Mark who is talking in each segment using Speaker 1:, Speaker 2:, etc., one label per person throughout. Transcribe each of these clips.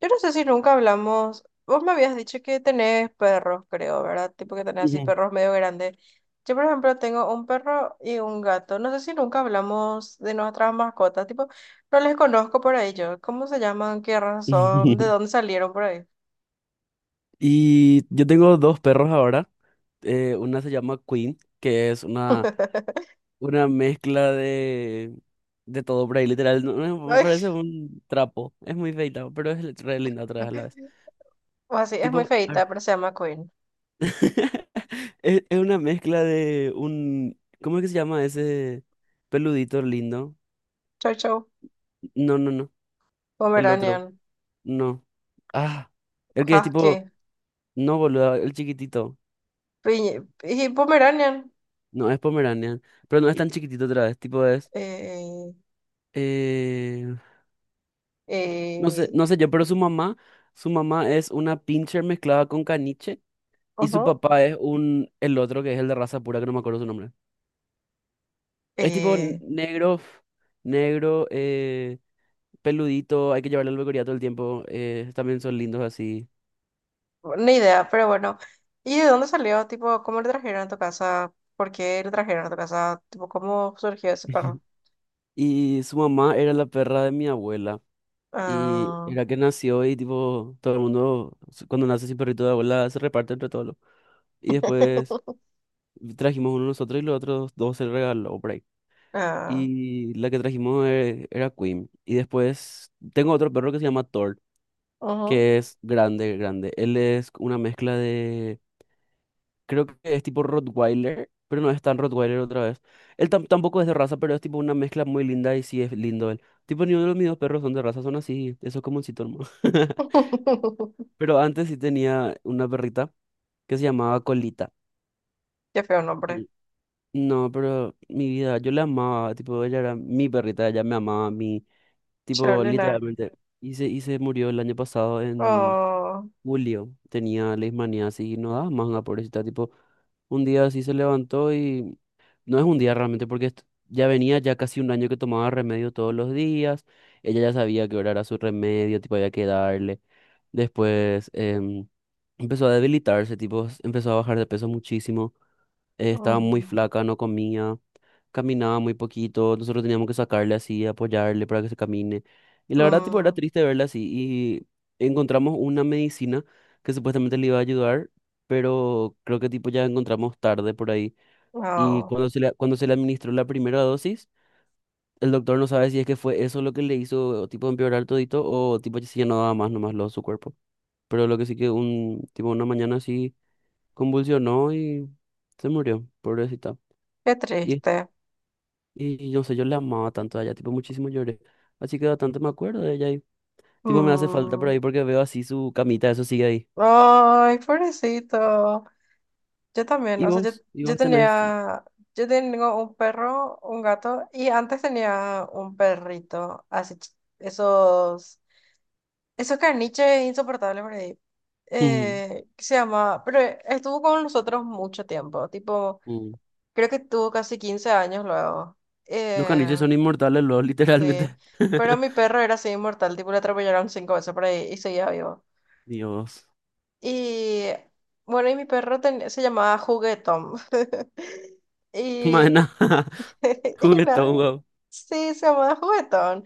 Speaker 1: Yo no sé si nunca hablamos. Vos me habías dicho que tenés perros, creo, ¿verdad? Tipo que tenés así
Speaker 2: Ujú.
Speaker 1: perros medio grandes. Yo, por ejemplo, tengo un perro y un gato. No sé si nunca hablamos de nuestras mascotas. Tipo, no les conozco por ahí yo. ¿Cómo se llaman? ¿Qué raza son? ¿De dónde salieron por ahí?
Speaker 2: Y yo tengo 2 perros ahora. Una se llama Queen, que es una mezcla de todo por ahí, literal. No, me
Speaker 1: Ay,
Speaker 2: parece un trapo. Es muy feita, pero es re linda otra vez a la vez.
Speaker 1: o así, es muy
Speaker 2: Tipo, a ver,
Speaker 1: feita, pero se llama Queen.
Speaker 2: es una mezcla de un... ¿Cómo es que se llama ese peludito lindo?
Speaker 1: Chau, chau.
Speaker 2: No, no, no. El otro.
Speaker 1: Pomeranian.
Speaker 2: No. Ah. El que es tipo...
Speaker 1: Husky.
Speaker 2: No, boludo. El chiquitito.
Speaker 1: Y Pomeranian.
Speaker 2: No es Pomeranian, pero no es tan chiquitito otra vez, tipo es,
Speaker 1: Eh,
Speaker 2: eh, no sé,
Speaker 1: eh,
Speaker 2: no sé yo, pero su mamá es una pincher mezclada con caniche, y su
Speaker 1: Ujú.
Speaker 2: papá es un, el otro que es el de raza pura que no me acuerdo su nombre. Es tipo
Speaker 1: eh,
Speaker 2: negro, negro, peludito, hay que llevarle al peluquería todo el tiempo, también son lindos así.
Speaker 1: Ni idea, pero bueno. ¿Y de dónde salió? Tipo, ¿cómo le trajeron a tu casa? ¿Por qué le trajeron a tu casa? Tipo, ¿cómo surgió ese perro?
Speaker 2: Y su mamá era la perra de mi abuela. Y
Speaker 1: Ah.
Speaker 2: era que nació y tipo, todo el mundo, cuando nace sin perrito de abuela, se reparte entre todos. Y después trajimos uno nosotros y los otros dos se lo regaló por ahí.
Speaker 1: Ah.
Speaker 2: Y la que trajimos era Queen. Y después tengo otro perro que se llama Thor,
Speaker 1: Ujú.
Speaker 2: que es grande, grande. Él es una mezcla de... Creo que es tipo Rottweiler, pero no es tan Rottweiler otra vez. Él tampoco es de raza, pero es tipo una mezcla muy linda y sí es lindo él. Tipo, ni uno de mis dos perros son de raza, son así, eso es como un hermano. Pero antes sí tenía una perrita que se llamaba Colita.
Speaker 1: Qué feo nombre.
Speaker 2: No, pero mi vida, yo la amaba, tipo, ella era mi perrita, ella me amaba a mí, tipo,
Speaker 1: Cholina.
Speaker 2: literalmente. Y se murió el año pasado en
Speaker 1: Oh.
Speaker 2: julio, tenía leishmanía así, y no daba más una pobrecita, tipo, un día así se levantó y no es un día realmente, porque ya venía ya casi un año que tomaba remedio todos los días, ella ya sabía que hora era su remedio, tipo, había que darle. Después empezó a debilitarse, tipo, empezó a bajar de peso muchísimo, estaba muy
Speaker 1: Mm,
Speaker 2: flaca, no comía, caminaba muy poquito, nosotros teníamos que sacarle así, apoyarle para que se camine. Y la verdad, tipo, era
Speaker 1: mm,
Speaker 2: triste verla así. Y encontramos una medicina que supuestamente le iba a ayudar, pero creo que tipo ya encontramos tarde por ahí. Y
Speaker 1: oh.
Speaker 2: cuando se le administró la primera dosis, el doctor no sabe si es que fue eso lo que le hizo tipo empeorar todito o tipo si ya no daba más nomás lo su cuerpo. Pero lo que sí que un tipo una mañana así convulsionó y se murió, pobrecita.
Speaker 1: Qué
Speaker 2: Y
Speaker 1: triste.
Speaker 2: Y yo sé, yo la amaba tanto a ella, tipo, muchísimo lloré. Así que bastante me acuerdo de ella y, tipo, me hace falta por
Speaker 1: Mm.
Speaker 2: ahí porque veo así su camita, eso sigue ahí.
Speaker 1: Ay, pobrecito. Yo también,
Speaker 2: Y
Speaker 1: o sea,
Speaker 2: vos, y
Speaker 1: yo
Speaker 2: vos tenés.
Speaker 1: tenía, yo tengo un perro, un gato, y antes tenía un perrito, así, esos caniches insoportables por ahí,
Speaker 2: Ujú,
Speaker 1: que se llama, pero estuvo con nosotros mucho tiempo, tipo,
Speaker 2: ujú.
Speaker 1: creo que tuvo casi 15 años luego,
Speaker 2: Los caniches
Speaker 1: eh,
Speaker 2: son inmortales, los,
Speaker 1: sí,
Speaker 2: literalmente.
Speaker 1: pero mi perro era así inmortal, tipo, le atropellaron cinco veces por ahí y seguía vivo.
Speaker 2: Dios.
Speaker 1: Y bueno, y mi perro se llamaba Juguetón. Y
Speaker 2: Maena,
Speaker 1: y nada,
Speaker 2: juguetón, wow.
Speaker 1: sí, se llamaba Juguetón.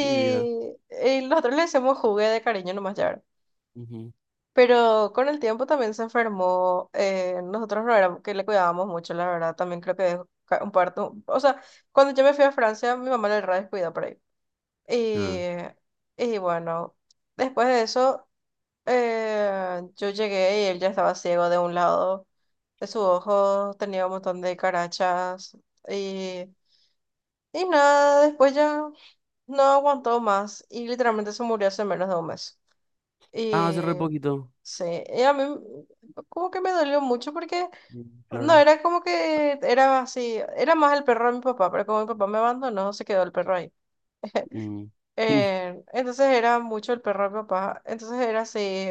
Speaker 2: Mi vida.
Speaker 1: y nosotros le decíamos Jugué de cariño nomás ya, ¿verdad?
Speaker 2: Ujú.
Speaker 1: Pero con el tiempo también se enfermó. Eh, nosotros no éramos que le cuidábamos mucho, la verdad. También creo que dejó un parto. O sea, cuando yo me fui a Francia, mi mamá le re descuidó por ahí. Y,
Speaker 2: Ah,
Speaker 1: y bueno, después de eso, yo llegué y él ya estaba ciego de un lado de su ojo, tenía un montón de carachas, y nada, después ya no aguantó más y literalmente se murió hace menos de un mes.
Speaker 2: Ah, hace
Speaker 1: Y
Speaker 2: re poquito.
Speaker 1: sí, y a mí como que me dolió mucho porque
Speaker 2: Mm,
Speaker 1: no,
Speaker 2: claro.
Speaker 1: era como que era así, era más el perro de mi papá, pero como mi papá me abandonó, se quedó el perro ahí.
Speaker 2: Mm. Mm,
Speaker 1: Entonces era mucho el perro de mi papá, entonces era así,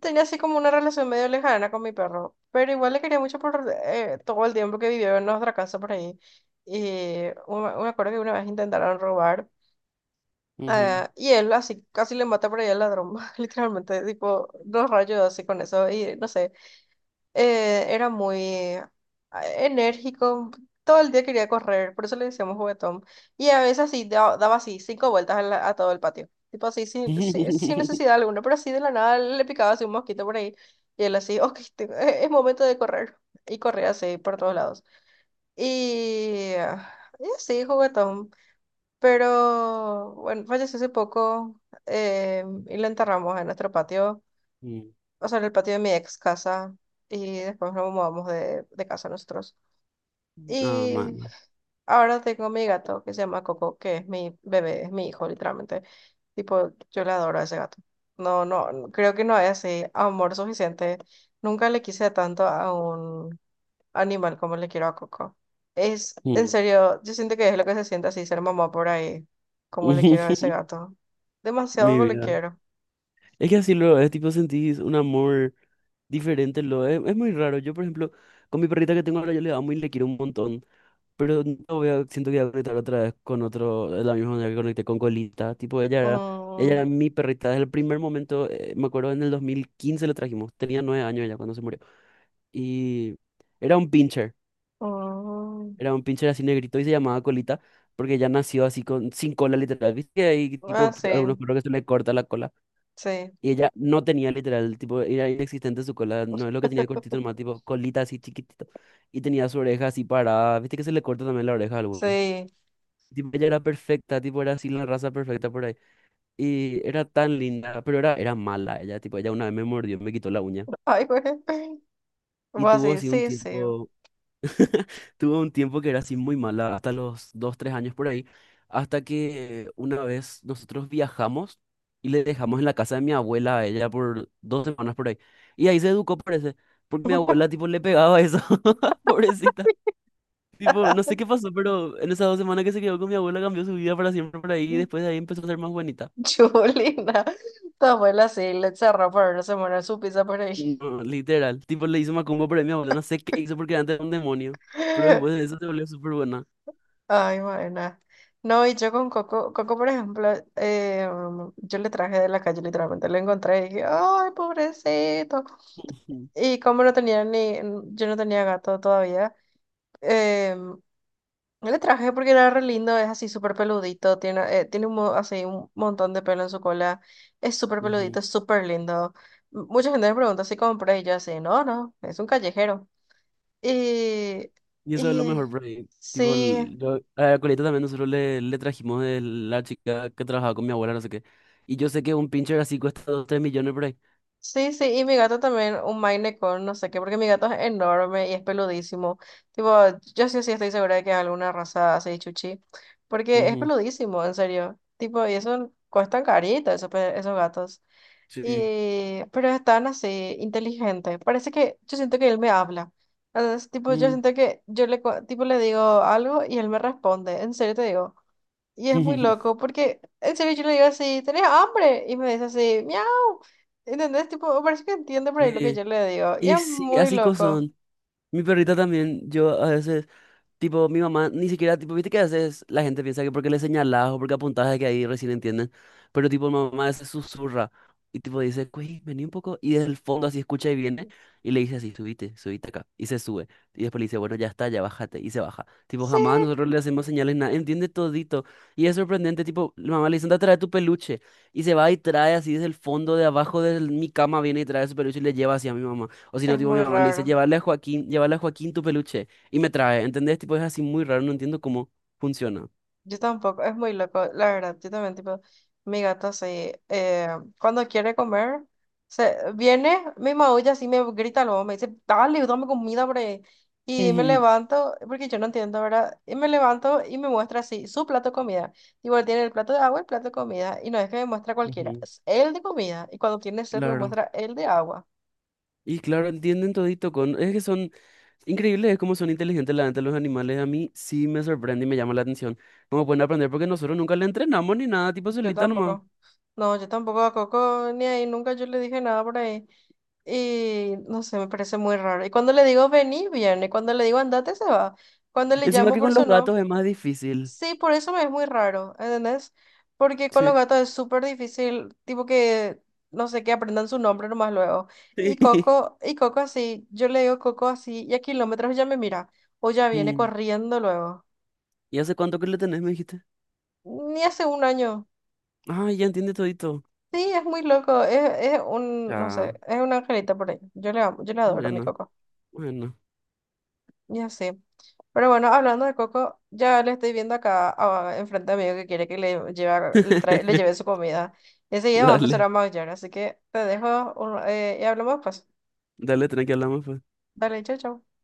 Speaker 1: tenía así como una relación medio lejana con mi perro, pero igual le quería mucho por todo el tiempo que vivió en nuestra casa por ahí. Me acuerdo que una vez intentaron robar.
Speaker 2: ujú.
Speaker 1: Y él así casi le mata por ahí al ladrón, literalmente, tipo, dos rayos así con eso, y no sé, era muy enérgico, todo el día quería correr, por eso le decíamos Juguetón, y a veces así daba así cinco vueltas a a todo el patio, tipo así, sin necesidad alguna, pero así de la nada le picaba así un mosquito por ahí, y él así, ok, es momento de correr, y corría así por todos lados, y y así, juguetón. Pero bueno, falleció hace poco, y lo enterramos en nuestro patio,
Speaker 2: Mm.
Speaker 1: o sea, en el patio de mi ex casa y después nos mudamos de casa nosotros.
Speaker 2: Ah,
Speaker 1: Y
Speaker 2: mano.
Speaker 1: ahora tengo mi gato que se llama Coco, que es mi bebé, es mi hijo literalmente. Tipo, yo le adoro a ese gato. No, no creo que no es así amor suficiente. Nunca le quise tanto a un animal como le quiero a Coco. Es, en
Speaker 2: Mm.
Speaker 1: serio, yo siento que es lo que se siente así ser mamá por ahí, como le quiero a ese gato. Demasiado
Speaker 2: Mi
Speaker 1: como le
Speaker 2: vida.
Speaker 1: quiero.
Speaker 2: Es que así luego es, tipo, sentís un amor diferente lo es. Es muy raro. Yo, por ejemplo, con mi perrita que tengo ahora, yo le amo y le quiero un montón. Pero no voy a, siento que voy a conectar otra vez con otro, de la misma manera que conecté con Colita. Tipo, ella era
Speaker 1: Mm,
Speaker 2: mi perrita desde el primer momento. Me acuerdo en el 2015 la trajimos. Tenía 9 años ella cuando se murió. Y era un pincher.
Speaker 1: mm.
Speaker 2: Era un pincher así negrito y se llamaba Colita. Porque ya nació así con, sin cola literal. ¿Viste que hay
Speaker 1: Ah,
Speaker 2: tipo
Speaker 1: sí,
Speaker 2: algunos perros que se le corta la cola?
Speaker 1: sí,
Speaker 2: Y ella no tenía literal, tipo, era inexistente su cola, no es lo que tenía cortito, nomás tipo colita así chiquitito. Y tenía su oreja así parada, viste que se le corta también la oreja a algunos.
Speaker 1: sí.
Speaker 2: Tipo, ella era perfecta, tipo, era así la raza perfecta por ahí. Y era tan linda, pero era mala ella, tipo, ella una vez me mordió, me quitó la uña.
Speaker 1: Ay, güey.
Speaker 2: Y
Speaker 1: Voy
Speaker 2: tuvo
Speaker 1: así,
Speaker 2: así un
Speaker 1: sí, sí.
Speaker 2: tiempo, tuve un tiempo que era así muy mala, hasta los dos, tres años por ahí, hasta que una vez nosotros viajamos y le dejamos en la casa de mi abuela a ella por 2 semanas por ahí. Y ahí se educó, parece, porque mi abuela tipo le pegaba eso, pobrecita. Tipo, no sé qué pasó, pero en esas 2 semanas que se quedó con mi abuela cambió su vida para siempre por ahí y después de ahí empezó a ser más bonita.
Speaker 1: Julina, tu abuela sí le cerró por no se muere su pizza por ahí.
Speaker 2: No, literal, tipo le hizo macumba por ahí mi abuela, no sé qué hizo porque antes era un demonio, pero después de eso se volvió súper buena.
Speaker 1: Ay, buena. No, y yo con Coco, Coco, por ejemplo, yo le traje de la calle, literalmente lo encontré y dije, ay, pobrecito.
Speaker 2: Ujú,
Speaker 1: Y como no tenía ni, yo no tenía gato todavía, eh, mm, le traje porque era re lindo, es así súper peludito, tiene un, así un montón de pelo en su cola, es súper peludito,
Speaker 2: ujú.
Speaker 1: es súper lindo. M- Mucha gente me pregunta si compré y yo así, no, no, es un callejero. Y,
Speaker 2: Y eso es lo
Speaker 1: y
Speaker 2: mejor, por ahí. Tipo,
Speaker 1: sí.
Speaker 2: el- yo, a la colita también nosotros le, le trajimos de la chica que trabajaba con mi abuela, no sé qué. Y yo sé que un pincher así cuesta dos tres millones por ahí.
Speaker 1: Sí, sí, y mi gato también, un Maine Coon, no sé qué, porque mi gato es enorme y es peludísimo. Tipo, yo sí, sí estoy segura de que es alguna raza así, chuchi, porque es
Speaker 2: Ujú,
Speaker 1: peludísimo, en serio. Tipo, y eso cuestan carito, esos, esos gatos.
Speaker 2: sí.
Speaker 1: Y, pero es tan así, inteligente. Parece que yo siento que él me habla. Entonces, tipo, yo
Speaker 2: Mm,
Speaker 1: siento que yo tipo, le digo algo y él me responde, en serio te digo. Y es muy loco, porque en serio yo le digo así, ¿tenés hambre? Y me dice así, miau. ¿Entendés? Tipo, parece que entiende por ahí lo que
Speaker 2: sí.
Speaker 1: yo le digo. Y
Speaker 2: Y
Speaker 1: es
Speaker 2: sí,
Speaker 1: muy
Speaker 2: así cosas
Speaker 1: loco.
Speaker 2: son. Mi perrita también, yo a veces. Tipo, mi mamá ni siquiera, tipo, viste que a veces la gente piensa que porque le señalás o porque apuntás es que ahí recién entienden, pero tipo, mi mamá se susurra y tipo dice, güey, vení un poco, y desde el fondo así escucha y viene y le dice así, subite, subite acá, y se sube, y después le dice, bueno, ya está, ya bájate, y se baja. Tipo,
Speaker 1: Sí,
Speaker 2: jamás nosotros le hacemos señales, nada, entiende todito, y es sorprendente, tipo, la mamá le dice, anda, trae tu peluche, y se va y trae así desde el fondo de abajo de mi cama, viene y trae su peluche y le lleva así a mi mamá, o si no,
Speaker 1: es
Speaker 2: tipo, mi
Speaker 1: muy
Speaker 2: mamá le dice,
Speaker 1: raro.
Speaker 2: llévale a Joaquín tu peluche y me trae, ¿entendés? Tipo, es así muy raro, no entiendo cómo funciona.
Speaker 1: Yo tampoco, es muy loco, la verdad. Yo también, tipo, mi gato sí. Cuando quiere comer, se viene, me maulla así, me grita luego, me dice, dale, dame comida por ahí. Y me
Speaker 2: Ujú.
Speaker 1: levanto, porque yo no entiendo, ¿verdad? Y me levanto y me muestra así su plato de comida. Igual tiene el plato de agua, el plato de comida. Y no es que me muestra cualquiera,
Speaker 2: Ujú.
Speaker 1: es el de comida. Y cuando tiene sed, me
Speaker 2: Claro.
Speaker 1: muestra el de agua.
Speaker 2: Y claro, entienden todito con... Es que son increíbles, es como son inteligentes la gente, los animales. A mí sí me sorprende y me llama la atención. Cómo pueden aprender porque nosotros nunca le entrenamos ni nada, tipo
Speaker 1: Yo
Speaker 2: solita nomás.
Speaker 1: tampoco. No, yo tampoco a Coco ni ahí, nunca yo le dije nada por ahí. Y no sé, me parece muy raro. Y cuando le digo vení, viene. Cuando le digo andate, se va. Cuando le
Speaker 2: Encima
Speaker 1: llamo
Speaker 2: que
Speaker 1: por
Speaker 2: con los
Speaker 1: su
Speaker 2: gatos
Speaker 1: no,
Speaker 2: es más difícil.
Speaker 1: sí, por eso me es muy raro, ¿entendés? Porque con
Speaker 2: Sí.
Speaker 1: los gatos es súper difícil, tipo que, no sé, que aprendan su nombre nomás luego. Y Coco así, yo le digo Coco así, y a kilómetros ya me mira, o ya viene
Speaker 2: Mm.
Speaker 1: corriendo luego.
Speaker 2: ¿Y hace cuánto que le tenés, me dijiste?
Speaker 1: Ni hace un año.
Speaker 2: Ah, ya entiende todito.
Speaker 1: Sí, es muy loco, es un, no
Speaker 2: Ya.
Speaker 1: sé, es un angelito por ahí. Yo le amo, yo le adoro a mi
Speaker 2: Bueno,
Speaker 1: Coco.
Speaker 2: bueno.
Speaker 1: Y así. Pero bueno, hablando de Coco, ya le estoy viendo acá enfrente a mí que quiere que le lleve, le, le lleve su comida. Enseguida va a empezar
Speaker 2: Dale,
Speaker 1: a maullar, así que te dejo y hablamos pues.
Speaker 2: dale, tranqui, hablamos pues.
Speaker 1: Dale, chao, chao.